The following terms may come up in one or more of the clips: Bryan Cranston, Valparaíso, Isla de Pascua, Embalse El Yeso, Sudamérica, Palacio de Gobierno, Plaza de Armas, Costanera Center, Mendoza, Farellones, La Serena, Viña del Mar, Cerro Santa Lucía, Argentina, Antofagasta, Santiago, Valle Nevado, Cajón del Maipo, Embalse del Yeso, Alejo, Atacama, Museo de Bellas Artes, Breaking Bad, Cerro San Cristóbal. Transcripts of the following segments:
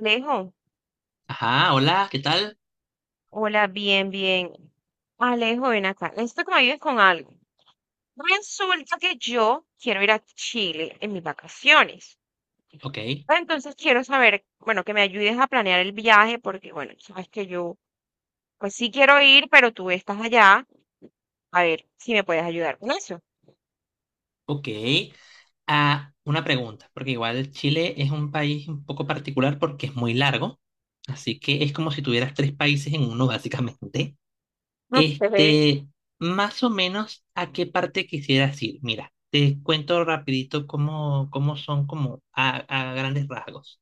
Alejo, Ajá, hola, ¿qué tal? hola, bien, bien. Alejo, ven acá. Necesito que me ayudes con algo. Resulta que yo quiero ir a Chile en mis vacaciones. Ok, Entonces quiero saber, bueno, que me ayudes a planear el viaje porque, bueno, sabes que yo, pues sí quiero ir, pero tú estás allá. A ver si me puedes ayudar con eso. ok. Ah, una pregunta, porque igual Chile es un país un poco particular porque es muy largo, así que es como si tuvieras tres países en uno, básicamente. Ok. Este, más o menos, ¿a qué parte quisieras ir? Mira, te cuento rapidito cómo son como a grandes rasgos.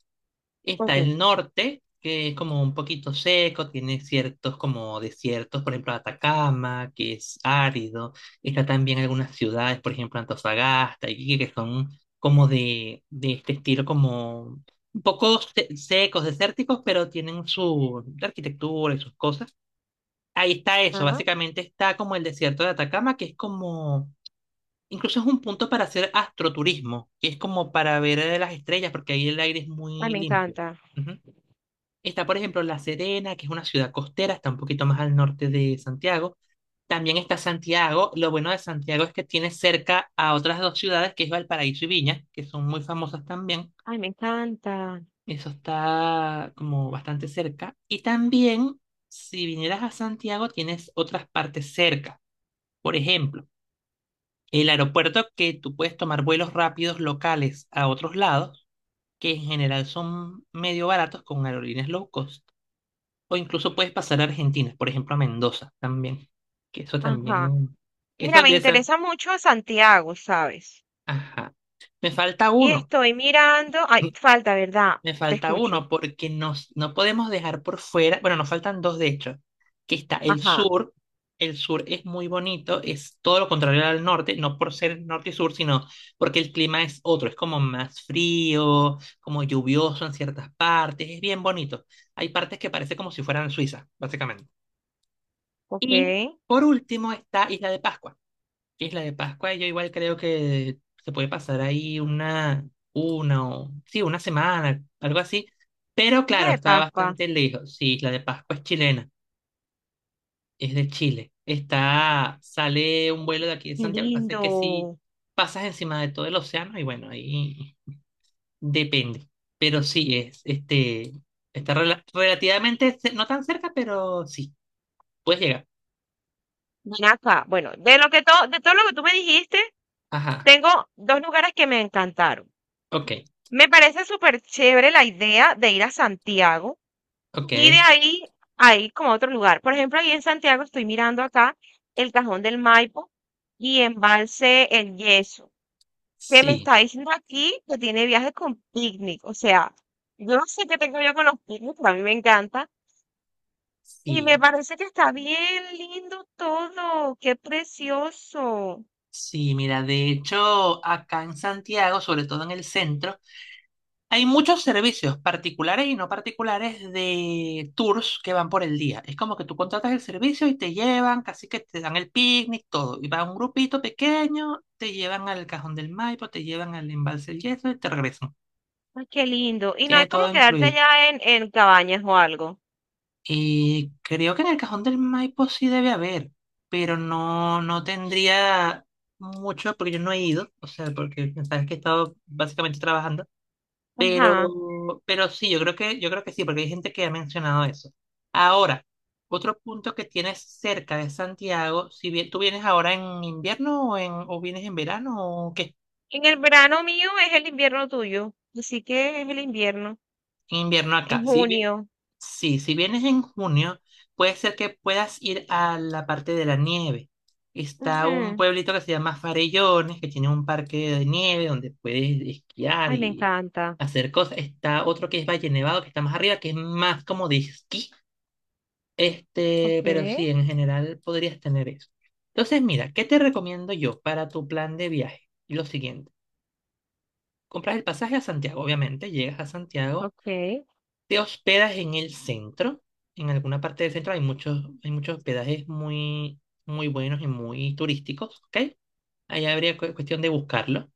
Está Ok. el norte, que es como un poquito seco, tiene ciertos como desiertos, por ejemplo Atacama, que es árido. Está también algunas ciudades, por ejemplo Antofagasta, y que son como de este estilo, como un poco secos, desérticos, pero tienen su arquitectura y sus cosas. Ahí está eso, Ajá. básicamente está como el desierto de Atacama, que es como... Incluso es un punto para hacer astroturismo, que es como para ver las estrellas, porque ahí el aire es Ay, muy me limpio. encanta. Está, por ejemplo, La Serena, que es una ciudad costera, está un poquito más al norte de Santiago. También está Santiago. Lo bueno de Santiago es que tiene cerca a otras dos ciudades, que es Valparaíso y Viña, que son muy famosas también. Ay, me encanta. Eso está como bastante cerca. Y también, si vinieras a Santiago, tienes otras partes cerca. Por ejemplo, el aeropuerto que tú puedes tomar vuelos rápidos locales a otros lados, que en general son medio baratos con aerolíneas low cost. O incluso puedes pasar a Argentina, por ejemplo, a Mendoza también. Que eso Ajá. también. Mira, Eso me de esa. interesa mucho Santiago, ¿sabes? Ajá. Me falta Y uno. estoy mirando. Ay, falta, ¿verdad? Me Te falta escucho. uno porque no podemos dejar por fuera. Bueno, nos faltan dos de hecho. Que está el Ajá. sur. El sur es muy bonito, es todo lo contrario al norte, no por ser norte y sur, sino porque el clima es otro, es como más frío, como lluvioso en ciertas partes, es bien bonito. Hay partes que parece como si fueran Suiza, básicamente. Ok. Y por último está Isla de Pascua. Isla de Pascua, yo igual creo que se puede pasar ahí una o, sí, una semana, algo así. Pero claro, Hija de está Pascua. bastante lejos. Sí, Isla de Pascua es chilena, es de Chile. Está, sale un Mm. vuelo de aquí de Qué Santiago. Pasa lindo. que si pasas encima de todo el océano, y bueno, ahí depende. Pero sí, está relativamente, no tan cerca, pero sí, puedes llegar. Ven acá. Bueno, de todo lo que tú me dijiste, Ajá, tengo dos lugares que me encantaron. ok, Me parece súper chévere la idea de ir a Santiago ok. y de ahí a ir como a otro lugar. Por ejemplo, ahí en Santiago estoy mirando acá el Cajón del Maipo y Embalse El Yeso, que me Sí, está diciendo aquí que tiene viaje con picnic. O sea, yo no sé qué tengo yo con los picnics, pero a mí me encanta. Y me sí, parece que está bien lindo todo. Qué precioso. sí, mira, de hecho, acá en Santiago, sobre todo en el centro, hay muchos servicios particulares y no particulares de tours que van por el día. Es como que tú contratas el servicio y te llevan, casi que te dan el picnic, todo. Y va un grupito pequeño, te llevan al Cajón del Maipo, te llevan al Embalse del Yeso y te regresan. Ay, qué lindo. Y no Tiene hay todo como quedarte incluido. allá en cabañas o algo. Creo que en el Cajón del Maipo sí debe haber, pero no tendría mucho porque yo no he ido, o sea, porque sabes que he estado básicamente trabajando, pero, Ajá. pero sí, yo creo que sí, porque hay gente que ha mencionado eso. Ahora, otro punto que tienes cerca de Santiago, si bien tú vienes ahora en invierno o o vienes en verano o qué, En el verano mío es el invierno tuyo. Así que es el invierno. en invierno En acá. Sí, junio. Sí, si vienes en junio, puede ser que puedas ir a la parte de la nieve. Está un Ujú. pueblito que se llama Farellones, que tiene un parque de nieve donde puedes esquiar Ay, me y encanta. hacer cosas. Está otro que es Valle Nevado, que está más arriba, que es más como de esquí. Ok, Pero sí, en general podrías tener eso. Entonces, mira, ¿qué te recomiendo yo para tu plan de viaje? Lo siguiente, compras el pasaje a Santiago, obviamente, llegas a Santiago. ok, ¿Te hospedas en el centro? En alguna parte del centro hay muchos hospedajes muy buenos y muy turísticos, ¿ok? Ahí habría cuestión de buscarlo.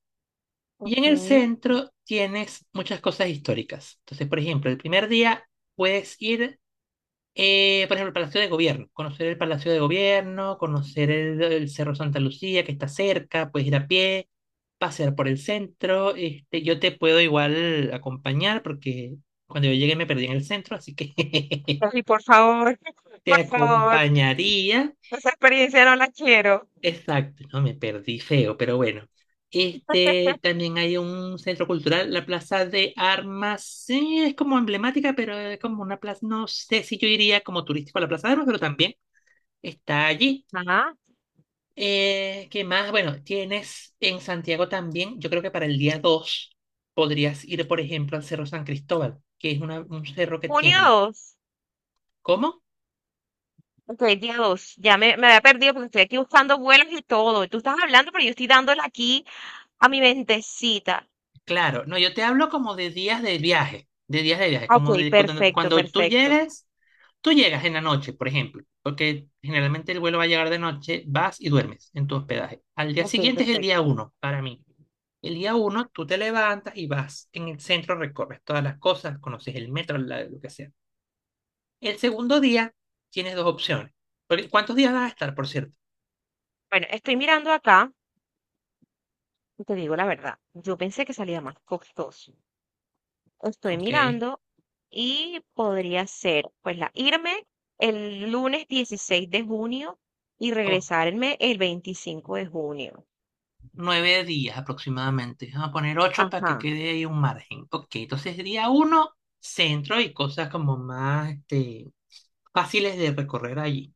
Y en ok. el centro tienes muchas cosas históricas. Entonces, por ejemplo, el primer día puedes ir, por ejemplo, al Palacio de Gobierno, conocer el Palacio de Gobierno, conocer el Cerro Santa Lucía que está cerca, puedes ir a pie pasear por el centro. Yo te puedo igual acompañar porque cuando yo llegué me perdí en el centro, así que Ay, por favor, te por favor. acompañaría. Esa experiencia no la quiero. Exacto, no me perdí feo, pero bueno. También hay un centro cultural, la Plaza de Armas. Sí, es como emblemática, pero es como una plaza. No sé si yo iría como turístico a la Plaza de Armas, pero también está allí. Ajá. ¿Qué más? Bueno, tienes en Santiago también, yo creo que para el día 2 podrías ir, por ejemplo, al Cerro San Cristóbal, que es un cerro que Junio tiene. 2. ¿Cómo? Ok, día 2. Ya me había perdido porque estoy aquí buscando vuelos y todo. Tú estás hablando, pero yo estoy dándole aquí a mi mentecita. Claro, no, yo te hablo como de días de viaje, de días de viaje, Ok, como de perfecto, cuando tú perfecto. llegues, tú llegas en la noche, por ejemplo, porque generalmente el vuelo va a llegar de noche, vas y duermes en tu hospedaje. Al día Ok, siguiente es el día perfecto. uno para mí. El día uno tú te levantas y vas en el centro, recorres todas las cosas, conoces el metro, lo que sea. El segundo día tienes dos opciones. Porque- ¿Cuántos días vas a estar, por cierto? Bueno, estoy mirando acá y te digo la verdad. Yo pensé que salía más costoso. Estoy Ok. mirando y podría ser, pues, la irme el lunes 16 de junio y o- regresarme el 25 de junio. 9 días aproximadamente. Vamos a poner ocho para que Ajá. quede ahí un margen. Ok, entonces día uno, centro y cosas como más fáciles de recorrer allí.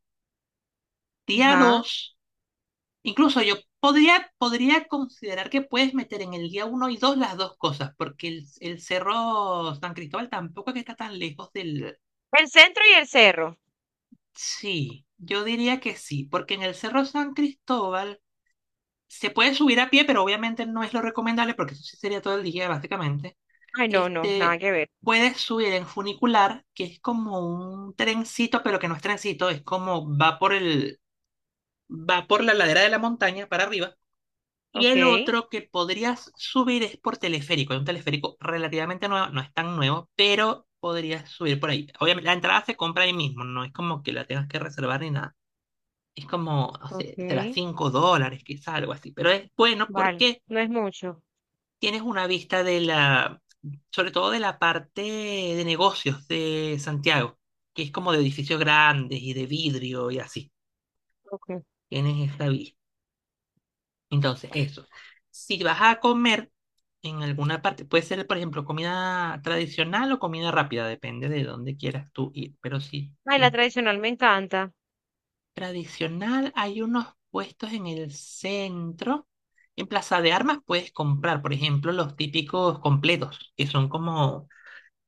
Día Ajá. dos, incluso podría considerar que puedes meter en el día uno y dos las dos cosas, porque el Cerro San Cristóbal tampoco es que está tan lejos del... El centro y el cerro. Sí, yo diría que sí, porque en el Cerro San Cristóbal se puede subir a pie, pero obviamente no es lo recomendable porque eso sí sería todo el día, básicamente. Ay, no, no, nada Este, que ver. puedes subir en funicular, que es como un trencito, pero que no es trencito, es como va por va por la ladera de la montaña para arriba. Y Ok, el otro que podrías subir es por teleférico, es un teleférico relativamente nuevo, no es tan nuevo, pero podrías subir por ahí. Obviamente, la entrada se compra ahí mismo, no es como que la tengas que reservar ni nada. Es como, o sea, ok, será $5, quizá algo así, pero es bueno vale. porque No es mucho. tienes una vista de sobre todo de la parte de negocios de Santiago, que es como de edificios grandes y de vidrio y así. Okay. Tienes esta vista. Entonces, eso. Si vas a comer en alguna parte, puede ser, por ejemplo, comida tradicional o comida rápida, depende de dónde quieras tú ir. Pero sí, Ay, si es la tradicional me encanta. tradicional, hay unos puestos en el centro. En Plaza de Armas puedes comprar, por ejemplo, los típicos completos, que son como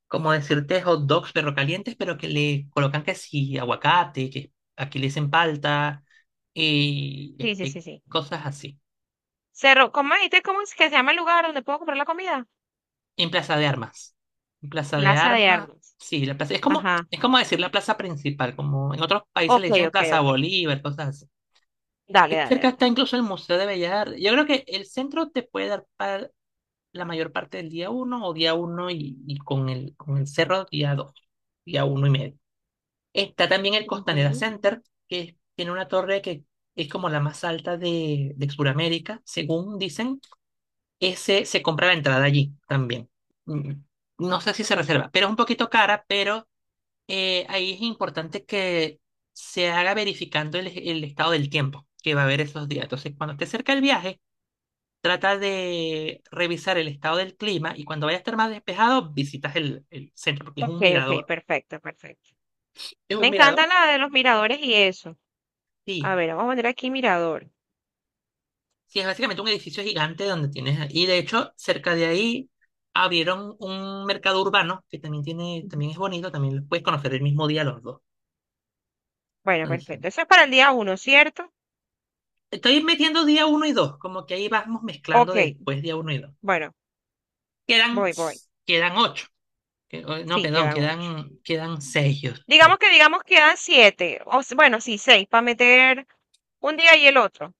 decirte hot dogs perro calientes, pero que le colocan que sí, aguacate, que aquí le dicen palta, y Sí, sí, sí, sí. cosas así. Cerro, ¿cómo me dijiste cómo es que se llama el lugar donde puedo comprar la comida? En Plaza de Armas. En Plaza de Plaza de Armas, Armas. sí, la plaza, Ajá. es como decir la plaza principal, como en otros países le Ok, dicen ok, Plaza ok. Bolívar, cosas así. Dale, Ahí dale, cerca dale. está incluso el Museo de Bellas Artes. Yo creo que el centro te puede dar para la mayor parte del día uno o día uno y con con el cerro día dos, día uno y medio. Está también el Costanera Ujú. Center, que tiene una torre que es como la más alta de Sudamérica, según dicen. Ese se compra la entrada allí también. Mm, no sé si se Ok, reserva, pero es un poquito cara, pero ahí es importante que se haga verificando el estado del tiempo que va a haber esos días. Entonces, cuando esté cerca el viaje, trata de revisar el estado del clima y cuando vaya a estar más despejado, visitas el centro, porque es un ok, ok, mirador. perfecto, perfecto. ¿Es Me un encanta mirador? la de los miradores y eso. A Sí. ver, vamos a poner aquí mirador. Sí, es básicamente un edificio gigante donde tienes, y de hecho, cerca de ahí abrieron un mercado urbano que también tiene, también es bonito, también los puedes conocer el mismo día los dos. Bueno, Entonces, perfecto. Eso es para el día uno, ¿cierto? estoy metiendo día uno y dos, como que ahí vamos mezclando Ok, después día uno y dos. bueno, Quedan, voy, voy. quedan ocho. No, Sí, perdón, quedan ocho. Quedan seis. Yo creo. Digamos que, digamos, quedan siete. Bueno, sí, seis, para meter un día y el otro.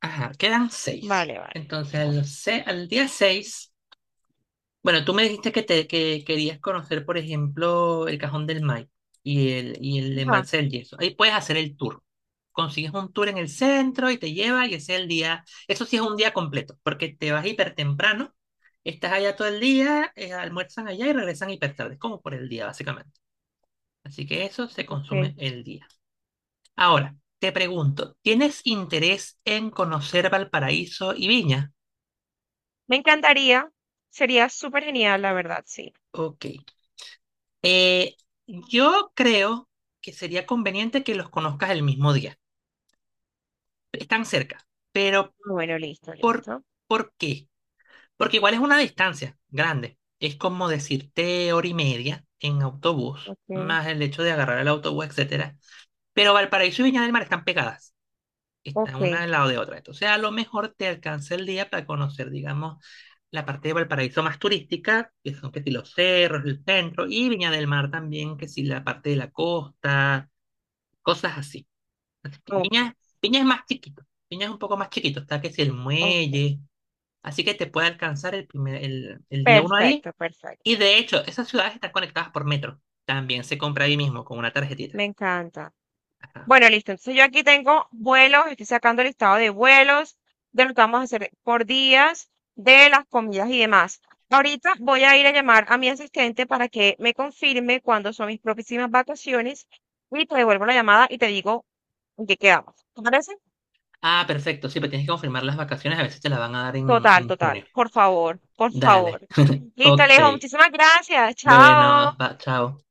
Ajá, quedan seis. Vale, vale. Entonces, al día seis. Bueno, tú me dijiste que querías conocer, por ejemplo, el Cajón del Maipo y y el Ajá, embalse del Yeso. Ahí puedes hacer el tour. Consigues un tour en el centro y te lleva y ese es el día, eso sí es un día completo, porque te vas hiper temprano, estás allá todo el día, almuerzan allá y regresan hiper tarde, como por el día básicamente. Así que eso se ok. consume el día. Ahora, te pregunto, ¿tienes interés en conocer Valparaíso y Viña? Me encantaría. Sería súper genial, la verdad, sí. Ok. Eh, yo creo que sería conveniente que los conozcas el mismo día. Están cerca, pero Bueno, listo, ¿por, listo. por qué? Porque igual es una distancia grande. Es como decirte hora y media en autobús, Ok, más el hecho de agarrar el autobús, etcétera. Pero Valparaíso y Viña del Mar están pegadas, están ok, una al lado de otra. Entonces, a lo mejor te alcanza el día para conocer, digamos, la parte de Valparaíso más turística, que son que si los cerros, el centro, y Viña del Mar también, que si la parte de la costa, cosas así. ok, Viña, Viña es más chiquito, Viña es un poco más chiquito, está que si el ok. muelle, así que te puede alcanzar el día uno ahí. Perfecto, Y perfecto. de hecho, esas ciudades están conectadas por metro, también se compra ahí mismo con una tarjetita. Me encanta. Ajá. Bueno, listo. Entonces yo aquí tengo vuelos, estoy sacando el listado de vuelos, de lo que vamos a hacer por días, de las comidas y demás. Ahorita voy a ir a llamar a mi asistente para que me confirme cuándo son mis próximas vacaciones y te devuelvo la llamada y te digo en qué quedamos. ¿Te parece? Ah, perfecto, sí, pero tienes que confirmar las vacaciones, a veces te las van a dar Total, en total. junio. Por favor, por Dale, favor. Listo, ok, Alejo. Muchísimas gracias. bueno, Chao. va, chao.